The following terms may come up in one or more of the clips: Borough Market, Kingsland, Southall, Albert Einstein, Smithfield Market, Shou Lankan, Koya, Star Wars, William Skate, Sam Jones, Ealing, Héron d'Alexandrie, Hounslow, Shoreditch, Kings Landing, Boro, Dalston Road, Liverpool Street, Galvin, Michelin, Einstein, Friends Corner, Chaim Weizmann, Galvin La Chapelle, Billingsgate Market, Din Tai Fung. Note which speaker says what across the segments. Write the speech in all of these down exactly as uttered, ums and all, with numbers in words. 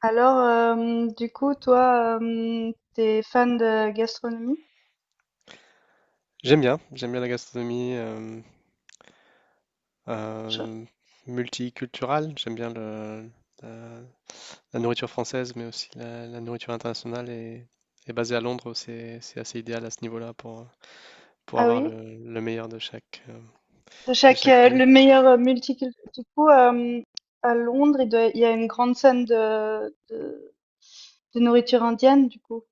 Speaker 1: Alors, euh, du coup, toi, euh, t'es fan de gastronomie?
Speaker 2: J'aime bien, j'aime bien la gastronomie euh,
Speaker 1: Je-
Speaker 2: euh, multiculturelle, j'aime bien le- la, la nourriture française, mais aussi la, la nourriture internationale. Et, et basée à Londres, c'est c'est assez idéal à ce niveau-là pour, pour
Speaker 1: Ah
Speaker 2: avoir
Speaker 1: oui?
Speaker 2: le, le meilleur de chaque, euh,
Speaker 1: De
Speaker 2: de
Speaker 1: chaque,
Speaker 2: chaque
Speaker 1: euh,
Speaker 2: pays.
Speaker 1: le meilleur euh, multiculturel. Du coup, euh, à Londres, il doit- il y a une grande scène de, de, de nourriture indienne, du coup.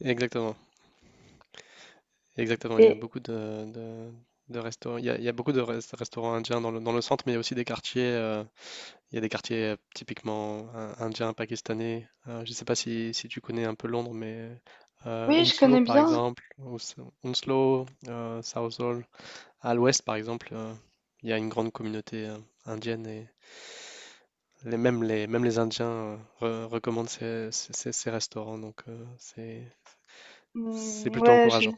Speaker 2: Exactement, exactement. Il y a
Speaker 1: Et
Speaker 2: beaucoup de, de, de restaurants, il y a, il y a beaucoup de res- restaurants indiens dans le, dans le centre, mais il y a aussi des quartiers. euh, Il y a des quartiers euh, typiquement euh, indiens, pakistanais. Euh, je ne sais pas si, si tu connais un peu Londres, mais euh,
Speaker 1: oui, je
Speaker 2: Hounslow,
Speaker 1: connais
Speaker 2: par
Speaker 1: bien.
Speaker 2: exemple, ou s- Hounslow, euh, Southall, à l'ouest, par exemple, euh, il y a une grande communauté euh, indienne et les, même, les, même les Indiens euh, re- recommandent ces, ces- ces- ces restaurants, donc euh, c'est, c'est
Speaker 1: Hmm,
Speaker 2: plutôt
Speaker 1: ouais,
Speaker 2: encourageant.
Speaker 1: j'ai-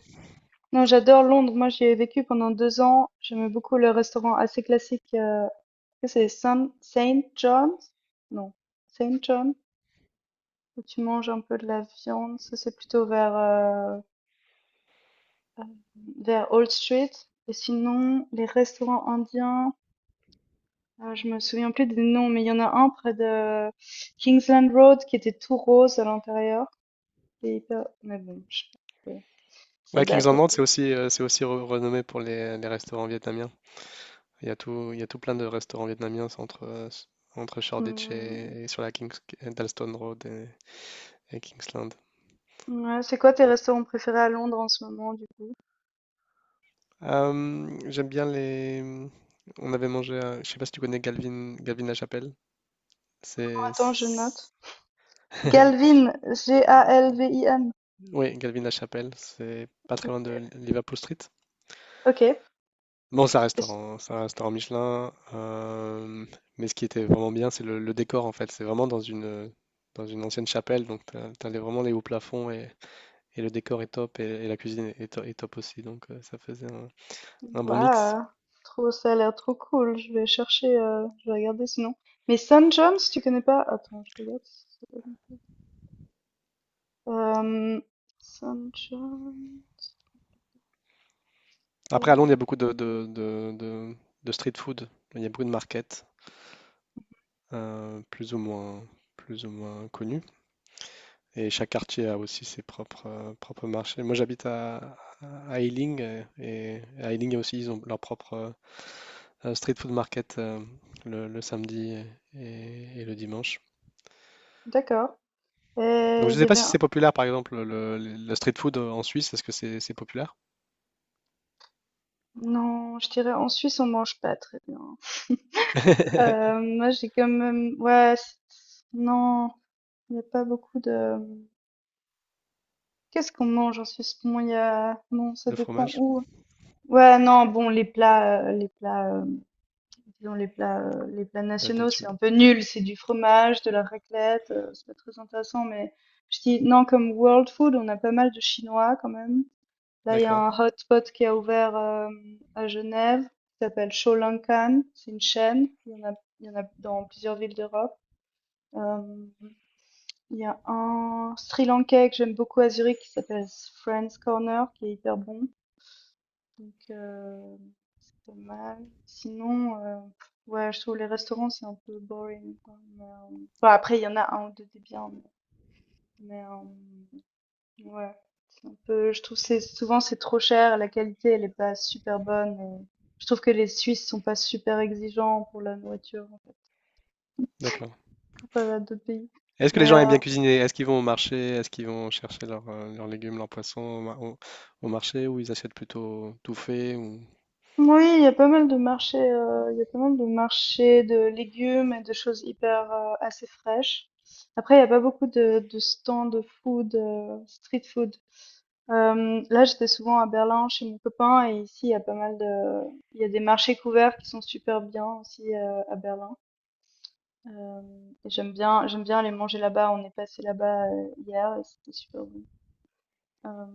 Speaker 1: non, j'adore Londres. Moi, j'y ai vécu pendant deux ans. J'aimais beaucoup le restaurant assez classique. Euh, que c'est Saint John's? Non, Saint John's, où tu manges un peu de la viande. Ça, c'est plutôt vers, euh, vers Old Street. Et sinon, les restaurants indiens, euh, je me souviens plus des noms, mais il y en a un près de Kingsland Road qui était tout rose à l'intérieur. C'est hyper. Mais bon, je sais pas, euh, ça
Speaker 2: Ouais, Kings
Speaker 1: date un
Speaker 2: Landing,
Speaker 1: peu.
Speaker 2: c'est aussi, euh, c'est aussi re- renommé pour les, les restaurants vietnamiens. Il y a tout, il y a tout plein de restaurants vietnamiens, c'est entre, euh, s- entre Shoreditch
Speaker 1: Hum,
Speaker 2: et, et sur la Kings, Dalston Road et, et Kingsland.
Speaker 1: ouais, c'est quoi tes restaurants préférés à Londres en ce moment, du coup?
Speaker 2: Euh, j'aime bien les. On avait mangé à. Je sais pas si tu connais Galvin, Galvin La Chapelle. C'est.
Speaker 1: Attends, je note.
Speaker 2: c'est-
Speaker 1: Galvin, G A L V I N.
Speaker 2: Oui, Galvin La Chapelle. C'est pas très loin de Liverpool Street.
Speaker 1: Ok.
Speaker 2: Bon, c'est un restaurant, hein, c'est un restaurant Michelin. euh, Mais ce qui était vraiment bien, c'est le, le décor en fait. C'est vraiment dans une, dans une ancienne chapelle. Donc, t'as, t'as les- vraiment les hauts plafonds et, et le décor est top et, et la cuisine est, est to- est top aussi. Donc euh, ça faisait un, un bon mix.
Speaker 1: Waouh, trop, ça a l'air trop cool. Je vais chercher, euh, je vais regarder sinon. Mais Sam Jones, tu connais pas? Attends, je regarde. Si c'est- Euh, Sam Jones,
Speaker 2: Après, à Londres, il y a
Speaker 1: euh,
Speaker 2: beaucoup de, de, de- de- de street food. Il y a beaucoup de markets, euh, plus ou moins, plus ou moins connus. Et chaque quartier a aussi ses propres, euh, propres marchés. Moi, j'habite à, à Ealing euh, et à Ealing aussi, ils ont leur propre euh, street food market euh, le, le samedi et, et le dimanche.
Speaker 1: d'accord.
Speaker 2: Donc,
Speaker 1: Et
Speaker 2: je
Speaker 1: il
Speaker 2: ne
Speaker 1: y
Speaker 2: sais pas
Speaker 1: avait
Speaker 2: si
Speaker 1: un.
Speaker 2: c'est populaire, par exemple, le, le- le street food en Suisse. Est-ce que c'est c'est populaire?
Speaker 1: Non, je dirais en Suisse on mange pas très bien. Euh, moi j'ai quand même, ouais, c'est- non, il n'y a pas beaucoup de. Qu'est-ce qu'on mange en Suisse? Bon, il y a, bon, ça
Speaker 2: Le
Speaker 1: dépend
Speaker 2: fromage?
Speaker 1: où. Ouais, non, bon, les plats, euh, les plats. euh, Disons les plats, heu, les plats nationaux, c'est un
Speaker 2: D'altitude.
Speaker 1: peu nul, c'est du fromage, de la raclette, heu, c'est pas très intéressant, mais je dis non, comme world food, on a pas mal de chinois quand même. Là, il y a
Speaker 2: D'accord,
Speaker 1: un hotspot qui a ouvert, hem, à Genève, qui s'appelle Shou Lankan, c'est une chaîne, il y en a il y en a dans plusieurs villes d'Europe. Hem, il y a un Sri Lankais que j'aime beaucoup à Zurich qui s'appelle Friends Corner qui est hyper bon. Donc, heu, c'est pas mal. Sinon, heu, ouais, je trouve les restaurants, c'est un peu boring, quoi, mais, heu, bah, après, il y en a un ou deux des biens, mais, hem, ouais, c'est un peu je trouve que c'est souvent, c'est trop cher, la qualité, elle est pas super bonne et je trouve que les Suisses sont pas super exigeants pour la nourriture, en fait,
Speaker 2: d'accord.
Speaker 1: comparé à d'autres pays,
Speaker 2: Est-ce que les
Speaker 1: mais,
Speaker 2: gens
Speaker 1: heu
Speaker 2: aiment bien cuisiner? Est-ce qu'ils vont au marché? Est-ce qu'ils vont chercher leurs euh, leurs légumes, leurs poissons au, ma- au- au marché ou ils achètent plutôt tout fait ou.
Speaker 1: oui, il y a pas mal de marchés, euh, il y a pas mal de marchés de légumes et de choses hyper euh, assez fraîches. Après, il y a pas beaucoup de, de stands de food, euh, street food. Euh, là, j'étais souvent à Berlin chez mon copain et ici, il y a pas mal de, il y a des marchés couverts qui sont super bien aussi euh, à Berlin. Euh, et j'aime bien, j'aime bien aller manger là-bas. On est passé là-bas euh, hier et c'était super bon. Euh,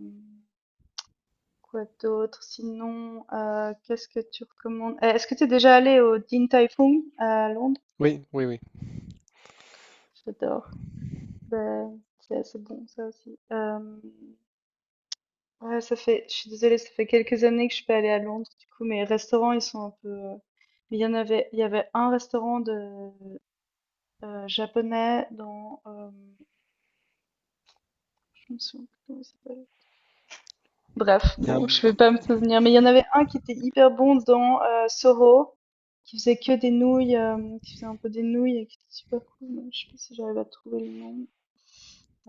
Speaker 1: Quoi d'autre? Sinon, euh, qu'est-ce que tu recommandes? Euh, Est-ce que tu es déjà allé au Din Tai Fung à Londres?
Speaker 2: Oui, oui, oui.
Speaker 1: J'adore. Ben, c'est assez bon, ça aussi. Euh, ouais, ça fait, je suis désolée, ça fait quelques années que je suis pas allée à Londres, du coup, mes restaurants, ils sont un peu. Euh, mais il y en avait, il y avait un restaurant de euh, japonais dans. Euh, je me souviens plus comment il s'appelle. Bref,
Speaker 2: Il y a
Speaker 1: bon,
Speaker 2: un,
Speaker 1: je vais pas me souvenir, mais il y en avait un qui était hyper bon dans euh, Soro, qui faisait que des nouilles, euh, qui faisait un peu des nouilles et qui était super cool. Mais je sais pas si j'arrive à trouver le nom.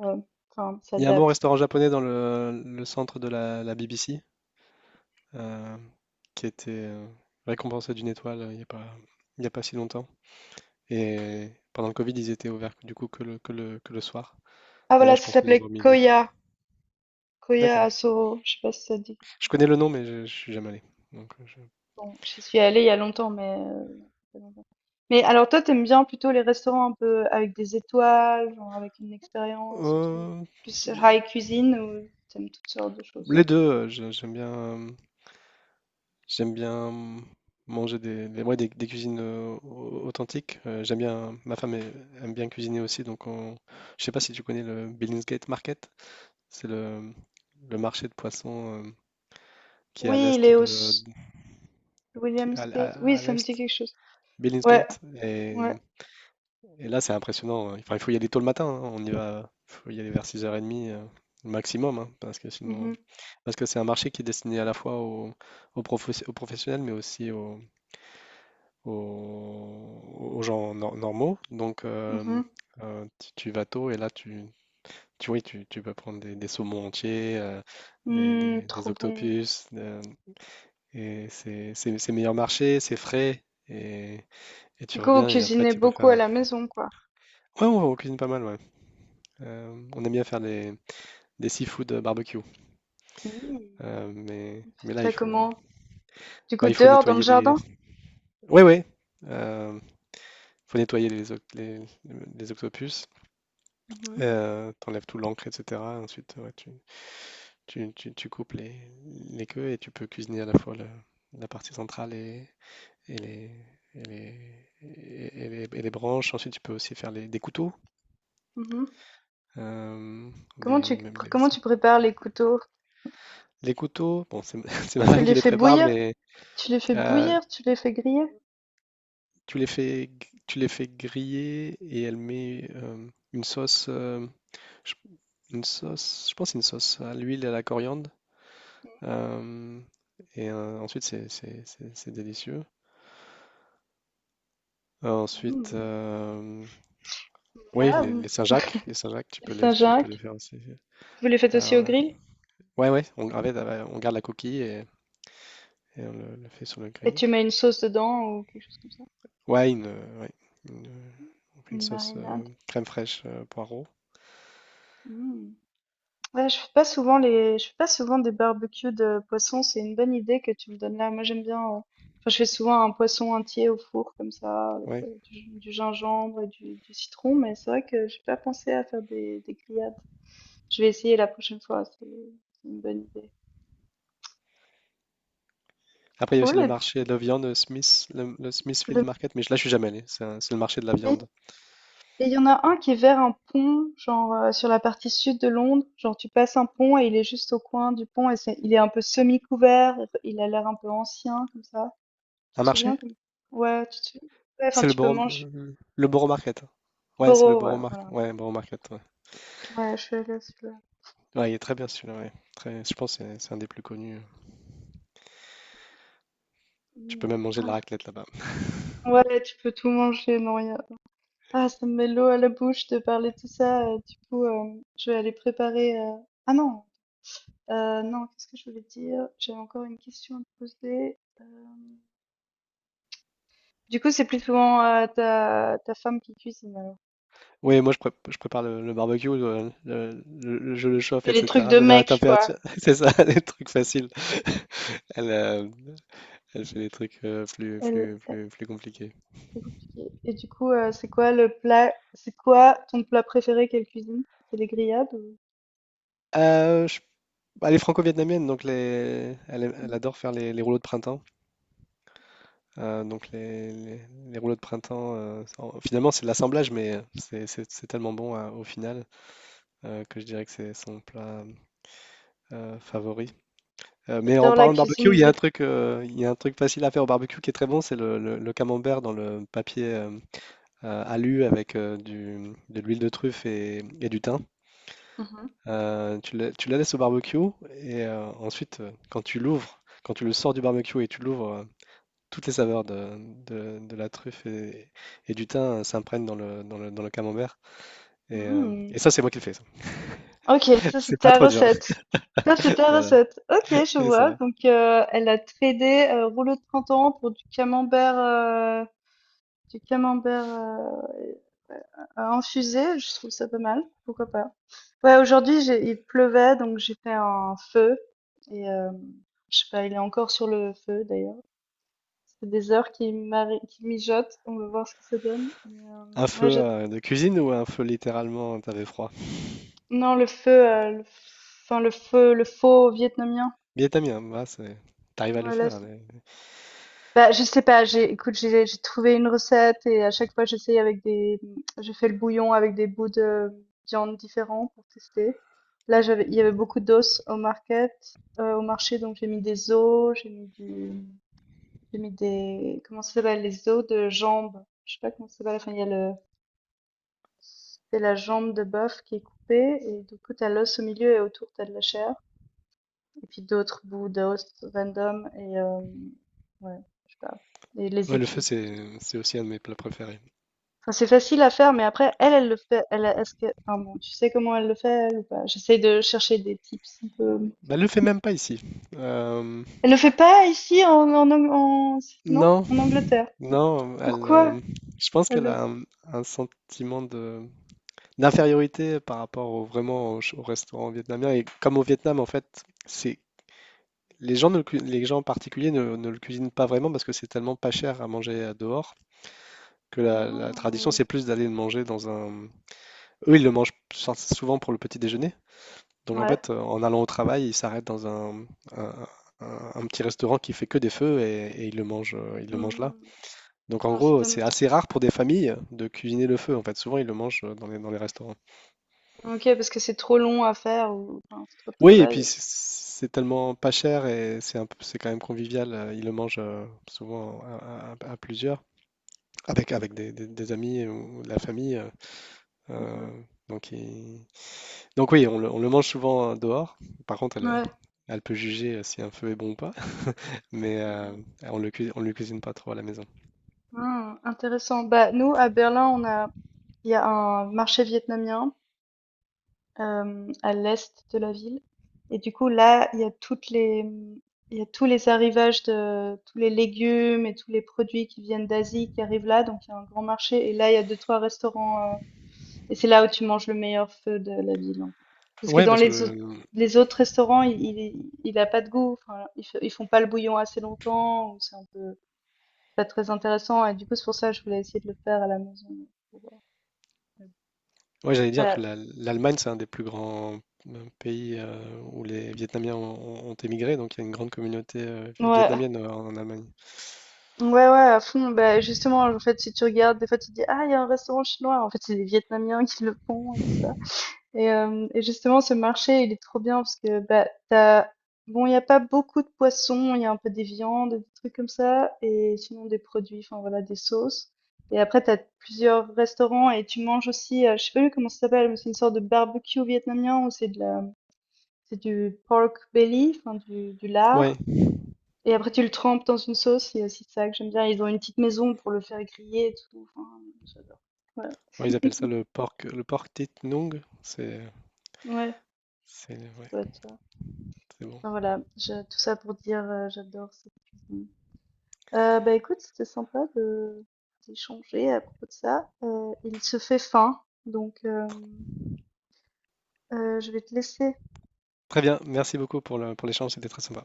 Speaker 1: Euh, Enfin, ça
Speaker 2: il y a un bon
Speaker 1: date.
Speaker 2: restaurant japonais dans le, le centre de la, la B B C euh, qui était euh, récompensé d'une étoile euh, il n'y a pas, il y a pas si longtemps. Et pendant le Covid, ils étaient ouverts du coup que le, que le, que le soir.
Speaker 1: Ah
Speaker 2: Mais là,
Speaker 1: voilà,
Speaker 2: je
Speaker 1: ça
Speaker 2: pense qu'ils ont
Speaker 1: s'appelait
Speaker 2: remis le.
Speaker 1: Koya. Koya
Speaker 2: D'accord.
Speaker 1: à Soro. Je sais pas si ça dit.
Speaker 2: Je connais le nom, mais je, je suis jamais allé. Donc, euh, je.
Speaker 1: Bon, j'y suis allée il y a longtemps, mais. euh, ça fait longtemps. Mais alors toi, t'aimes bien plutôt les restaurants un peu avec des étoiles, genre avec une expérience et tout,
Speaker 2: Euh,
Speaker 1: plus high cuisine ou t'aimes toutes sortes de choses?
Speaker 2: Les deux, heu, je j'aime bien, hem, j'aime bien manger des des ouais, des des cuisines, heu, au authentiques. Heu, j'aime bien Ma femme ai aime bien cuisiner aussi, donc on. Je sais pas si tu connais le Billingsgate Market? C'est le le marché de poissons, hem, qui est à
Speaker 1: Oui, il
Speaker 2: l'est
Speaker 1: est au
Speaker 2: de, qui
Speaker 1: William
Speaker 2: à à
Speaker 1: Skate. Oui,
Speaker 2: à
Speaker 1: ça me
Speaker 2: l'est,
Speaker 1: dit quelque chose. Ouais,
Speaker 2: Billingsgate et
Speaker 1: ouais.
Speaker 2: mmh et là, c'est impressionnant, hein. Enfin, il faut y aller tôt le matin, hein, on y va faut y aller vers six heures trente, heu, maximum, hein, parce que sinon
Speaker 1: Mhm,
Speaker 2: parce que c'est un marché qui est destiné à la fois aux aux professe aux professionnels, mais aussi aux aux, aux gens nor- normaux. Donc, euh,
Speaker 1: mhm.
Speaker 2: euh, tu, tu vas tôt et là, tu, tu, oui, tu, tu peux prendre des, des saumons entiers, euh, des,
Speaker 1: Hmm,
Speaker 2: des- des
Speaker 1: trop bon.
Speaker 2: octopus. Euh, et c'est c'est- c'est meilleur marché, c'est frais. Et, et
Speaker 1: Du
Speaker 2: tu
Speaker 1: coup, vous
Speaker 2: reviens et après,
Speaker 1: cuisinez
Speaker 2: tu peux
Speaker 1: beaucoup
Speaker 2: faire.
Speaker 1: à
Speaker 2: un-
Speaker 1: la maison, quoi.
Speaker 2: Ouais, on, on cuisine pas mal, ouais. Euh, on aime bien faire des, des seafood barbecue.
Speaker 1: Hmm.
Speaker 2: Euh, mais,
Speaker 1: Faites
Speaker 2: mais là, il
Speaker 1: ça
Speaker 2: faut,
Speaker 1: comment? Du
Speaker 2: bah,
Speaker 1: coup,
Speaker 2: il faut
Speaker 1: dehors, dans le
Speaker 2: nettoyer les.
Speaker 1: jardin?
Speaker 2: Ouais, ouais. euh, Faut nettoyer les, oc- les, les octopus.
Speaker 1: Mhm,
Speaker 2: Heu, tu Tout l'encre et cetera, ensuite, ouais, tu tu tu tu coupes les les queues et tu peux cuisiner à la fois le la partie centrale et et les et les et et les et les branches. Ensuite, tu peux aussi faire les des couteaux,
Speaker 1: mhm.
Speaker 2: hem,
Speaker 1: Comment tu,
Speaker 2: des même les
Speaker 1: comment tu prépares les couteaux?
Speaker 2: les couteaux, bon, c'est c'est ma
Speaker 1: Tu
Speaker 2: femme qui
Speaker 1: les
Speaker 2: les
Speaker 1: fais
Speaker 2: prépare,
Speaker 1: bouillir?
Speaker 2: mais
Speaker 1: Tu les fais
Speaker 2: heu,
Speaker 1: bouillir? Tu les fais griller?
Speaker 2: tu les fais g tu les fais griller et elle met, hem, une sauce, hem, j une sauce, je pense une sauce à l'huile et à la coriandre. Euh, et euh, ensuite, c'est c'est- c'est- c'est délicieux. Euh, ensuite,
Speaker 1: Hmm.
Speaker 2: euh, oui, les,
Speaker 1: Miam.
Speaker 2: les Saint-Jacques, les Saint-Jacques, tu
Speaker 1: Les
Speaker 2: peux les, tu peux les
Speaker 1: Saint-Jacques.
Speaker 2: faire aussi.
Speaker 1: Vous les faites aussi au
Speaker 2: Euh,
Speaker 1: grill?
Speaker 2: ouais, ouais, on, en fait, euh, on garde la coquille et, et on le, le fait sur le
Speaker 1: Et
Speaker 2: grill.
Speaker 1: tu mets une sauce dedans ou quelque chose comme ça?
Speaker 2: Ouais, une, euh, ouais, une, euh, on fait une
Speaker 1: Une
Speaker 2: sauce euh,
Speaker 1: marinade.
Speaker 2: crème fraîche, euh, poireau.
Speaker 1: Hmm. Ouais, je fais pas souvent les, je fais pas souvent des barbecues de poisson. C'est une bonne idée que tu me donnes là. Moi, j'aime bien. euh, Enfin, je fais souvent un poisson entier au four comme ça, avec euh,
Speaker 2: Ouais.
Speaker 1: du, du gingembre et du, du citron. Mais c'est vrai que j'ai pas pensé à faire des, des grillades. Je vais essayer la prochaine fois. C'est c'est une bonne idée.
Speaker 2: Après, il y a aussi le
Speaker 1: Cool.
Speaker 2: marché de la viande, le Smith, le, le
Speaker 1: Et
Speaker 2: Smithfield
Speaker 1: le-
Speaker 2: Market, mais je- là, je suis jamais allé. C'est un- c'est le marché de la
Speaker 1: mais-
Speaker 2: viande.
Speaker 1: et il y en a un qui est vers un pont, genre euh, sur la partie sud de Londres. Genre, tu passes un pont et il est juste au coin du pont et c'est- il est un peu semi-couvert. Il a l'air un peu ancien comme ça. Tu
Speaker 2: Un
Speaker 1: te souviens
Speaker 2: marché?
Speaker 1: comme. Ouais, tu te souviens. Ouais, enfin,
Speaker 2: C'est le
Speaker 1: tu peux
Speaker 2: Borough,
Speaker 1: manger.
Speaker 2: le Borough Market. Ouais, c'est le
Speaker 1: Boro, ouais,
Speaker 2: Borough Market.
Speaker 1: voilà.
Speaker 2: Ouais, Borough Market.
Speaker 1: Ouais, je suis allée à celui-là.
Speaker 2: Ouais, il est très bien celui-là, ouais. Très, je pense que c'est c'est un des plus connus. Tu peux
Speaker 1: Mm.
Speaker 2: même manger de la
Speaker 1: Ah,
Speaker 2: raclette là-bas.
Speaker 1: ouais, tu peux tout manger, non, y a- ah, ça me met l'eau à la bouche de parler de tout ça. Euh, du coup, euh, je vais aller préparer. euh, Ah non, euh, non, qu'est-ce que je voulais dire? J'avais encore une question à te poser. euh, Du coup, c'est plus souvent euh, ta, ta femme qui cuisine alors.
Speaker 2: Oui, moi je, prép- je prépare le, le barbecue, euh, le- le- je le
Speaker 1: Tu
Speaker 2: chauffe,
Speaker 1: fais les trucs
Speaker 2: et cetera.
Speaker 1: de
Speaker 2: Je le mets à la
Speaker 1: mec, quoi.
Speaker 2: température. C'est ça, les trucs faciles. Elle, euh, Elle fait des trucs euh, plus,
Speaker 1: Elle,
Speaker 2: plus, plus, plus compliqués.
Speaker 1: C'est compliqué. Et du coup, euh, c'est quoi le plat, c'est quoi ton plat préféré qu'elle cuisine? C'est les grillades ou-
Speaker 2: Euh, je- Bah, elle est franco-vietnamienne, donc les, elle, aime- elle
Speaker 1: Mhm.
Speaker 2: adore faire les, les rouleaux de printemps. Euh, donc les, les- les rouleaux de printemps, euh, en- finalement c'est de l'assemblage, mais c'est c'est- c'est tellement bon euh, au final euh, que je dirais que c'est son plat, Heu, favori. Heu, mais en
Speaker 1: J'adore la
Speaker 2: parlant de barbecue, il
Speaker 1: cuisine
Speaker 2: y a un
Speaker 1: vét-
Speaker 2: truc, heu, il y a un truc facile à faire au barbecue qui est très bon, c'est le le le camembert dans le papier, hem, heu, alu, avec heu, du de l'huile de truffe et et du thym.
Speaker 1: Mhm.
Speaker 2: Heu, tu le tu la laisses au barbecue et heu, ensuite, heu, quand tu l'ouvres, quand tu le sors du barbecue et tu l'ouvres, heu, toutes les saveurs de de de la truffe et et du thym, heu, s'imprègnent dans le dans le dans le camembert et heu
Speaker 1: Mhm.
Speaker 2: et ça, c'est moi qui le fais ça.
Speaker 1: Ok, ça c'est
Speaker 2: C'est pas
Speaker 1: ta
Speaker 2: trop dur.
Speaker 1: recette. Ça c'est ta
Speaker 2: Voilà,
Speaker 1: recette. Ok, je
Speaker 2: c'est
Speaker 1: vois.
Speaker 2: ça.
Speaker 1: Donc euh, elle a tradé euh, rouleau de printemps pour du camembert. euh, Du camembert euh, euh, euh, infusé, je trouve ça pas mal. Pourquoi pas? Ouais, aujourd'hui, j'ai, il pleuvait, donc j'ai fait un feu. Et euh, je sais pas, il est encore sur le feu d'ailleurs. Ça fait des heures qu'il mari- qu'il mijote. On va voir ce que ça donne. Mais, euh,
Speaker 2: Un feu,
Speaker 1: ouais, j'ad-
Speaker 2: heu, de cuisine ou un feu littéralement t'avais froid?
Speaker 1: non, le feu, euh, le enfin le feu, le faux vietnamien.
Speaker 2: Vietnamien, bah, c'est tu arrives à le
Speaker 1: Ouais, là,
Speaker 2: faire, hein, mais-
Speaker 1: bah, je sais pas, j'ai, écoute, j'ai j'ai trouvé une recette et à chaque fois j'essaye avec des, je fais le bouillon avec des bouts de viande différents pour tester. Là, j'avais, il y avait beaucoup d'os au market, euh, au marché, donc j'ai mis des os, j'ai mis du, j'ai mis des, comment ça s'appelle, les os de jambe. Je sais pas comment ça s'appelle. Enfin, il y a le, c'est la jambe de bœuf qui est coupée et du coup t'as l'os au milieu et autour t'as de la chair et puis d'autres bouts d'os random et euh, ouais, je sais pas, et les
Speaker 2: ouais, le feu,
Speaker 1: épices.
Speaker 2: c'est c'est aussi un de mes plats préférés.
Speaker 1: Enfin, c'est facile à faire, mais après, elle, elle le fait. Elle, est-ce que, enfin, bon, tu sais comment elle le fait, elle, ou pas? J'essaie de chercher des tips un peu.
Speaker 2: Bah, le fait même pas ici. Euh,
Speaker 1: Elle le fait pas ici, en, en, Ang- en- non,
Speaker 2: non,
Speaker 1: en Angleterre.
Speaker 2: non, elle,
Speaker 1: Pourquoi?
Speaker 2: euh, je pense
Speaker 1: Elle
Speaker 2: qu'elle a
Speaker 1: le.
Speaker 2: un, un sentiment de d'infériorité par rapport au, vraiment au, ch- au restaurant vietnamien. Et comme au Vietnam, en fait, c'est. Les gens ne le cu- les gens en particulier ne, ne le cuisinent pas vraiment parce que c'est tellement pas cher à manger euh, dehors, que la, la tradition,
Speaker 1: Ah,
Speaker 2: c'est plus d'aller le manger dans un. Eux, ils le mangent sou- souvent pour le petit déjeuner. Donc en
Speaker 1: ouais.
Speaker 2: fait, euh, en allant au travail, il s'arrête dans un, un- un- un petit restaurant qui fait que des feux et, et il le mange, euh, il le mange là.
Speaker 1: Hmm.
Speaker 2: Donc en
Speaker 1: Ah, ça
Speaker 2: gros,
Speaker 1: donne.
Speaker 2: c'est assez rare pour des familles de cuisiner le feu. En fait, souvent ils le mangent euh, dans les, dans les restaurants.
Speaker 1: Ok, parce que c'est trop long à faire, ou enfin, c'est trop de
Speaker 2: Oui, et puis
Speaker 1: travail.
Speaker 2: c'est c'est tellement pas cher et c'est un peu- c'est quand même convivial. euh, Ils le mangent euh, souvent à, à- à plusieurs, avec, avec des, des- des amis ou de la famille. euh, euh,
Speaker 1: Mhm.
Speaker 2: donc, il- donc oui, on le, on le mange souvent euh, dehors. Par contre, elle,
Speaker 1: Ouais.
Speaker 2: elle peut juger euh, si un feu est bon ou pas. Mais euh, on le cui- on le cuisine pas trop à la maison.
Speaker 1: Ah, intéressant. Bah, nous, à Berlin, on a, il y a un marché vietnamien. Euh, à l'est de la ville. Et du coup, là, il y a toutes les, mm, il y a tous les arrivages de tous les légumes et tous les produits qui viennent d'Asie qui arrivent là. Donc, il y a un grand marché. Et là, il y a deux, trois restaurants. Euh, et c'est là où tu manges le meilleur feu de la ville, en fait. Parce que
Speaker 2: Ouais,
Speaker 1: dans
Speaker 2: parce que
Speaker 1: les, au-
Speaker 2: le, le-
Speaker 1: les autres restaurants, il, il, il a pas de goût. Enfin, ils, f- ils font pas le bouillon assez longtemps, ou c'est un peu pas très intéressant. Et du coup, c'est pour ça que je voulais essayer de le faire à la maison, pour voir.
Speaker 2: ouais, j'allais dire que
Speaker 1: Voilà.
Speaker 2: la- l'Allemagne, c'est un des plus grands euh, pays euh, où les Vietnamiens ont, ont émigré, donc il y a une grande communauté euh, vi-
Speaker 1: Ouais,
Speaker 2: vietnamienne euh, en Allemagne.
Speaker 1: Ouais, ouais, à fond. Bah, justement, en fait, si tu regardes, des fois, tu te dis, ah, il y a un restaurant chinois. En fait, c'est les Vietnamiens qui le font et tout ça. Et, euh, et justement, ce marché, il est trop bien parce que, bah, t'as, bon, il n'y a pas beaucoup de poissons. Il y a un peu des viandes, des trucs comme ça. Et sinon, des produits, enfin, voilà, des sauces. Et après, t'as plusieurs restaurants et tu manges aussi, euh, je sais pas plus comment ça s'appelle, mais c'est une sorte de barbecue vietnamien où c'est de la, c'est du pork belly, enfin, du, du
Speaker 2: Ouais,
Speaker 1: lard. Et après, tu le trempes dans une sauce, c'est aussi ça que j'aime bien. Ils ont une petite maison pour le faire griller et tout. Enfin, j'adore. Ouais,
Speaker 2: ouais, ils appellent ça le pork, le pork tit nung. C'est,
Speaker 1: ouais, ça
Speaker 2: c'est, ouais,
Speaker 1: doit être ça.
Speaker 2: c'est bon.
Speaker 1: Enfin, voilà, je- tout ça pour dire, euh, j'adore cette cuisine. Euh, bah écoute, c'était sympa de d'échanger à propos de ça. Euh, il se fait faim, donc euh,
Speaker 2: Tr-
Speaker 1: euh, je vais te laisser.
Speaker 2: Très bien, merci beaucoup pour le, pour l'échange, c'était très sympa.